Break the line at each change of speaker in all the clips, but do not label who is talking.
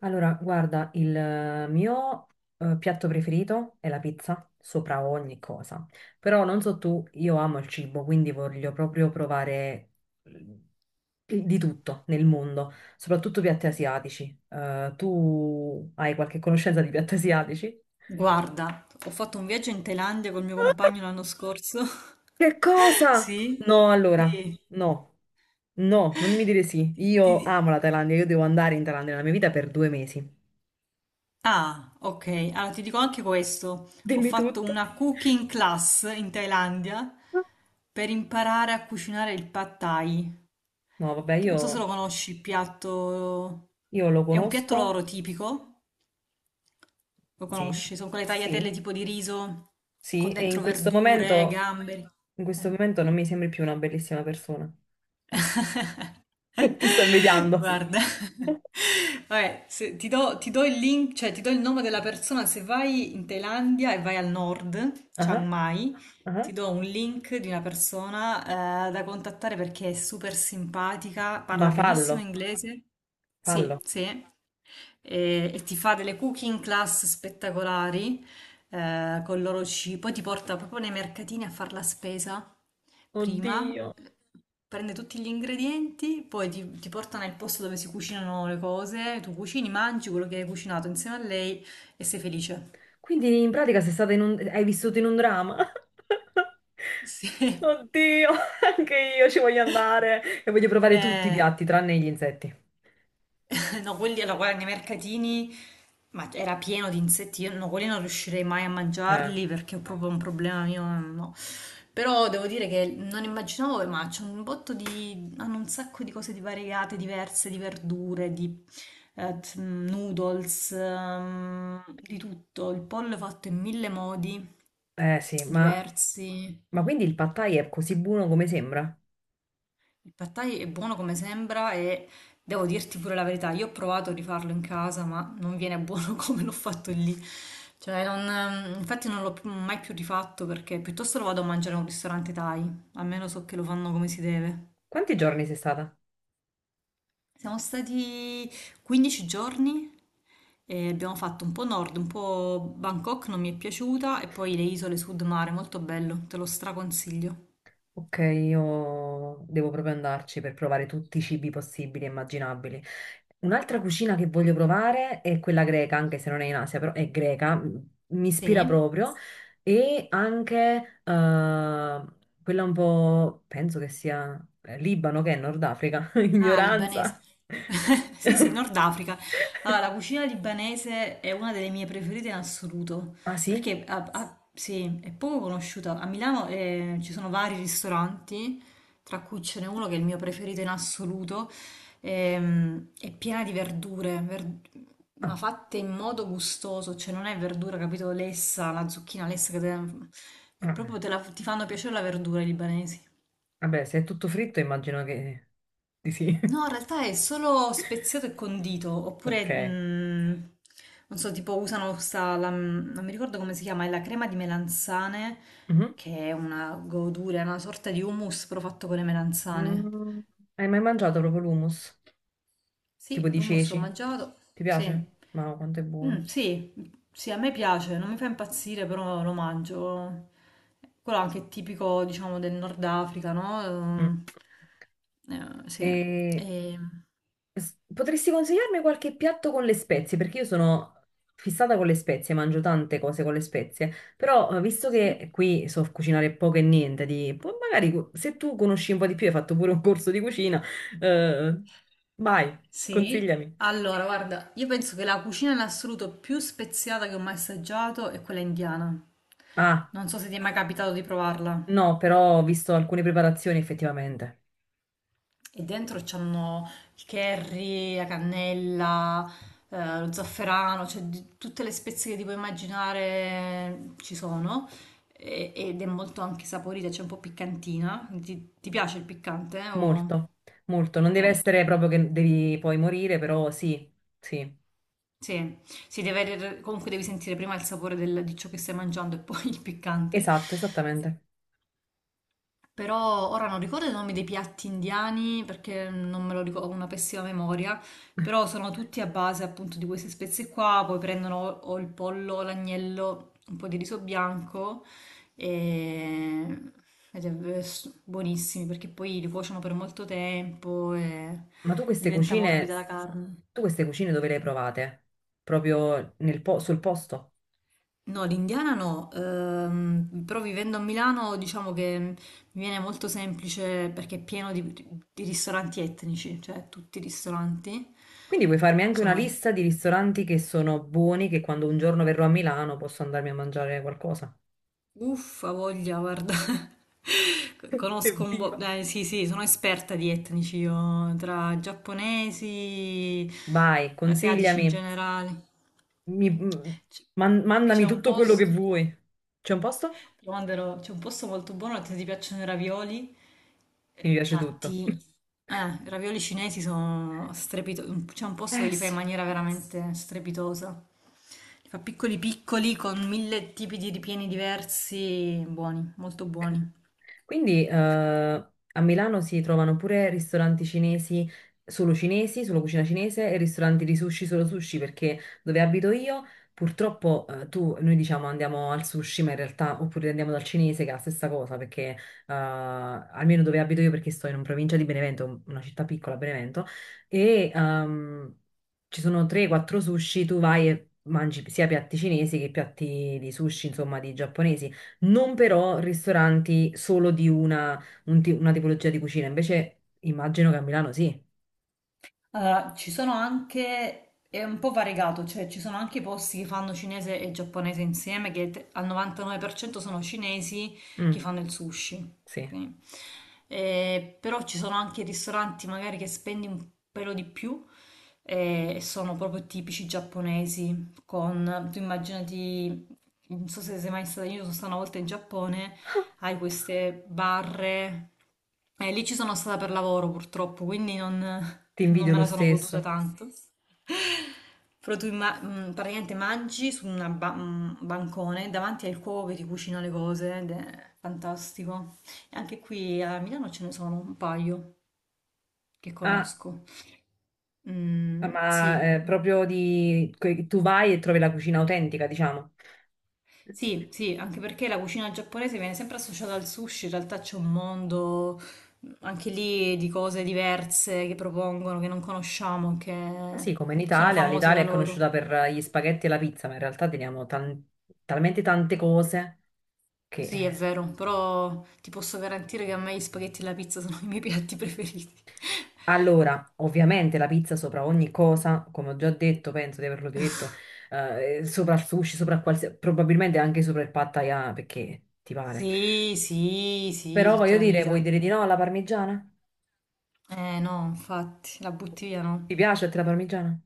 Allora, guarda, il mio piatto preferito è la pizza, sopra ogni cosa. Però non so tu, io amo il cibo, quindi voglio proprio provare eh, di tutto nel mondo, soprattutto piatti asiatici. Tu hai qualche conoscenza di piatti asiatici?
Guarda, ho fatto un viaggio in Thailandia col mio compagno l'anno scorso.
Che cosa?
Sì,
No, allora,
sì.
no, no, non mi dire sì.
Ti-
Io
ti-
amo la Thailandia, io devo andare in Thailandia nella mia vita per 2 mesi.
Ah, ok. Allora ti dico anche questo. Ho
Dimmi
fatto
tutto.
una cooking class in Thailandia per imparare a cucinare il pad thai.
No, vabbè,
Che Non so se lo
io...
conosci, il piatto.
Io lo
È un piatto
conosco,
loro tipico, lo
sì,
conosci? Sono quelle
sì,
tagliatelle tipo di riso
sì,
con
e
dentro verdure, gamberi.
in questo
Eh.
momento non mi sembri più una bellissima persona. Ti sto invidiando.
Guarda, vabbè, ti do il link, cioè ti do il nome della persona se vai in Thailandia e vai al nord, Chiang
Ah,
Mai, ti
ah.
do un link di una persona da contattare perché è super simpatica,
Ma
parla benissimo
fallo,
inglese.
fallo.
Sì, sì. E ti fa delle cooking class spettacolari con il loro cibo. Poi ti porta proprio nei mercatini a fare la spesa prima,
Oddio.
prende tutti gli ingredienti, poi ti porta nel posto dove si cucinano le cose. Tu cucini, mangi quello che hai cucinato insieme a lei e sei felice.
Quindi in pratica sei stata in un... hai vissuto in un dramma?
Sì.
Oddio, anche io ci voglio andare e voglio provare tutti i
Eh,
piatti tranne gli insetti.
no, quelli, allora, guarda, nei mercatini, ma era pieno di insetti, io no, quelli non riuscirei mai a
Eh,
mangiarli perché ho proprio un problema mio, no. Però devo dire che non immaginavo, ma c'è un botto di, hanno un sacco di cose di variegate, diverse, di verdure, di noodles, di tutto. Il pollo è fatto in mille modi
eh sì,
diversi.
ma quindi il pad thai è così buono come sembra?
Il pad thai è buono come sembra e devo dirti pure la verità, io ho provato a rifarlo in casa, ma non viene buono come l'ho fatto lì. Cioè, infatti non l'ho più- mai più rifatto perché piuttosto lo vado a mangiare a un ristorante thai, almeno so che lo fanno come si deve.
Quanti giorni sei stata?
Siamo stati 15 giorni e abbiamo fatto un po' nord, un po' Bangkok, non mi è piaciuta, e poi le isole sud mare, molto bello, te lo straconsiglio.
Ok, io devo proprio andarci per provare tutti i cibi possibili e immaginabili. Un'altra cucina che voglio provare è quella greca, anche se non è in Asia, però è greca, mi ispira
Sì?
proprio, e anche quella un po', penso che sia Libano, che è Nord Africa,
Ah, libanese.
ignoranza.
Sì, sì, Nord Africa. Allora, la cucina libanese è una delle mie preferite in assoluto,
Ah sì?
perché sì, è poco conosciuta. A Milano ci sono vari ristoranti, tra cui ce n'è uno che è il mio preferito in assoluto, è piena di verdure,
Ah,
ma fatte in modo gustoso, cioè non è verdura, capito, lessa, la zucchina lessa, è
ah,
proprio
ah.
ti fanno piacere la verdura i libanesi.
Vabbè, se è tutto fritto immagino che di sì.
No, in realtà è solo speziato e condito, oppure,
Ok.
non so, tipo usano questa, non mi ricordo come si chiama, è la crema di melanzane,
Mhm.
che è una godura, è una sorta di hummus però fatto con le melanzane.
Mm, hai mai mangiato proprio l'hummus? Tipo
Sì,
di
l'hummus ho
ceci?
mangiato,
Ti
sì.
piace? Ma quanto è
Mm,
buono.
sì, sì, a me piace, non mi fa impazzire, però lo mangio. Quello anche è tipico, diciamo, del Nord Africa, no?
Mm.
Sì.
E
E,
potresti consigliarmi qualche piatto con le spezie? Perché io sono fissata con le spezie, mangio tante cose con le spezie, però visto
sì.
che qui so cucinare poco e niente, di, poi magari se tu conosci un po' di più, hai fatto pure un corso di cucina, eh, vai,
Sì,
consigliami.
allora guarda, io penso che la cucina in assoluto più speziata che ho mai assaggiato è quella indiana.
Ah,
Non so se ti è mai capitato di provarla.
no, però ho visto alcune preparazioni effettivamente.
E dentro c'hanno il curry, la cannella, lo zafferano, tutte le spezie che ti puoi immaginare ci sono. Ed è molto anche saporita, c'è un po' piccantina. Ti piace il piccante? O
Molto, molto. Non deve
molto?
essere proprio che devi poi morire, però sì, sì.
Sì, si deve, comunque devi sentire prima il sapore di ciò che stai mangiando e poi il piccante.
Esatto, esattamente.
Però ora non ricordo i nomi dei piatti indiani perché non me lo ricordo, ho una pessima memoria, però sono tutti a base appunto di queste spezie qua, poi prendono o il pollo, o l'agnello, un po' di riso bianco e ed è buonissimi perché poi li cuociono per molto tempo e
Ma
diventa morbida la carne.
tu queste cucine dove le hai provate? Proprio nel sul posto?
No, l'indiana no, però vivendo a Milano diciamo che mi viene molto semplice perché è pieno di ristoranti etnici, cioè tutti i ristoranti
Quindi puoi farmi anche una
sono
lista di ristoranti che sono buoni, che quando un giorno verrò a Milano posso andarmi a mangiare qualcosa.
uffa, voglia, guarda, conosco un po'.
Evviva!
Sì, sì, sono esperta di etnici io, tra giapponesi,
Vai,
asiatici in
consigliami,
generale.
mi- m-
C- C'è
mandami
un
tutto quello che
posto.
vuoi. C'è un posto?
Ti manderò, c'è un posto molto buono se ti piacciono i ravioli.
Mi piace tutto.
Fatti, i ravioli cinesi sono strepitosi. C'è un posto che
Eh
li fa in
sì.
maniera veramente strepitosa. Li fa piccoli piccoli con mille tipi di ripieni diversi, buoni, molto
Ok.
buoni.
Quindi a Milano si trovano pure ristoranti cinesi, solo cucina cinese e ristoranti di sushi solo sushi, perché dove abito io purtroppo tu, noi diciamo andiamo al sushi, ma in realtà oppure andiamo dal cinese che è la stessa cosa, perché almeno dove abito io, perché sto in una provincia di Benevento, una città piccola, Benevento, e ci sono 3-4 sushi, tu vai e mangi sia piatti cinesi che piatti di sushi, insomma, di giapponesi non però ristoranti solo di una, una tipologia di cucina, invece immagino che a Milano sì.
Allora, ci sono anche, è un po' variegato, cioè ci sono anche i posti che fanno cinese e giapponese insieme, al 99% sono cinesi che
Mm,
fanno il sushi.
sì,
Ok? Però ci sono anche ristoranti magari che spendi un pelo di più e sono proprio tipici giapponesi, con, tu immaginati non so se sei mai stata, io sono stata una volta in Giappone, hai queste barre, e lì ci sono stata per lavoro purtroppo, quindi non,
ti
non
invidio
me
lo
la sono goduta
stesso.
tanto. Però praticamente mangi su un bancone davanti al cuoco che ti cucina le cose ed è fantastico. E anche qui a Milano ce ne sono un paio che
Ah,
conosco. Mm,
ma
sì,
proprio di... tu vai e trovi la cucina autentica, diciamo.
sì, sì, anche perché la cucina giapponese viene sempre associata al sushi, in realtà c'è un mondo anche lì di cose diverse che propongono, che non conosciamo,
Ah sì,
che
come in
sono
Italia,
famose
l'Italia
da
è
loro.
conosciuta per gli spaghetti e la pizza, ma in realtà teniamo talmente tante cose che...
Sì, è vero, però ti posso garantire che a me gli spaghetti e la pizza sono i miei piatti preferiti.
allora, ovviamente la pizza sopra ogni cosa, come ho già detto, penso di averlo detto, sopra il sushi, sopra qualsiasi, probabilmente anche sopra il pad thai, ah, perché ti pare.
Sì, sì, sì,
Però
tutta
voglio
la
dire, vuoi
vita.
dire di no alla parmigiana?
Eh no, infatti, la butti via no.
Ti piace a te la parmigiana?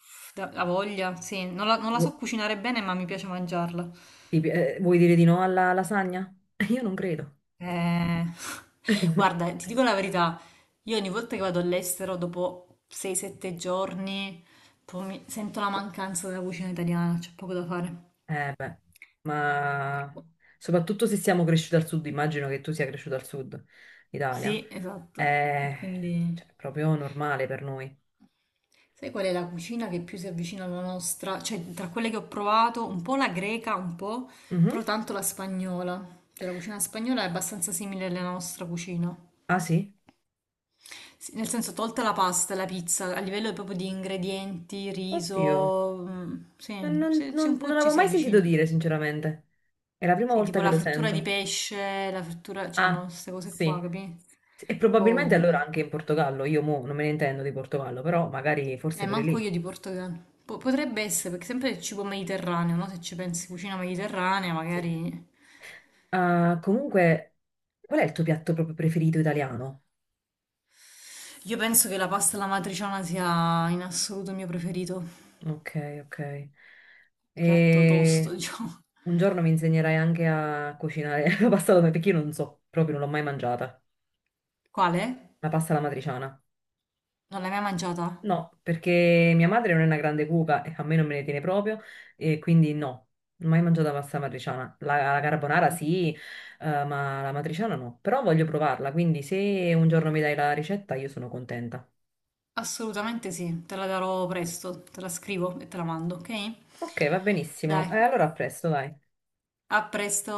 Uff, da, la voglia, sì, non la
Vu-
so cucinare bene, ma mi piace mangiarla.
vuoi dire di no alla lasagna? Io non credo.
Eh, guarda, ti dico la verità, io ogni volta che vado all'estero, dopo 6-7 giorni, sento la mancanza della cucina italiana, c'è poco da fare.
Eh beh,
Per
ma
cui-
soprattutto se siamo cresciuti al sud, immagino che tu sia cresciuto al sud Italia,
Sì, esatto. E
è
quindi,
cioè, proprio normale per noi.
sai qual è la cucina che più si avvicina alla nostra? Cioè, tra quelle che ho provato, un po' la greca, un po',
Mhm.
però tanto la spagnola. Cioè, la cucina spagnola è abbastanza simile alla nostra cucina.
Ah sì?
Sì, nel senso, tolta la pasta, la pizza, a livello proprio di ingredienti,
Oddio.
riso, mm, sì, sì, sì, un
Non
po' ci
l'avevo
si
mai sentito
avvicina.
dire, sinceramente. È la prima
Sì,
volta
tipo
che
la
lo
frittura di
sento.
pesce, la frittura, c'hanno
Ah,
queste cose qua,
sì.
capi? Un
E
po'.
probabilmente
Mm,
allora anche in Portogallo. Io mo non me ne intendo di Portogallo, però magari forse
eh,
pure
manco io
lì.
di Portogallo. Potrebbe essere, perché sempre il cibo mediterraneo, no? Se ci pensi, cucina mediterranea,
Sì.
magari.
Ah, comunque, qual è il tuo piatto proprio preferito italiano?
Io penso che la pasta alla matriciana sia in assoluto il mio preferito.
Ok, ok.
Piatto tosto,
E
diciamo.
un giorno mi insegnerai anche a cucinare la pasta alla perché io non so, proprio non l'ho mai mangiata.
Quale?
La pasta alla matriciana.
Non l'hai mai mangiata?
No, perché mia madre non è una grande cuoca e a me non me ne tiene proprio, e quindi no, non ho mai mangiato la pasta matriciana. La, la carbonara sì, ma la matriciana no. Però voglio provarla, quindi se un giorno mi dai la ricetta io sono contenta.
Assolutamente sì, te la darò presto, te la scrivo e te la mando, ok?
Ok, va benissimo.
Dai,
E allora a presto, dai.
a presto.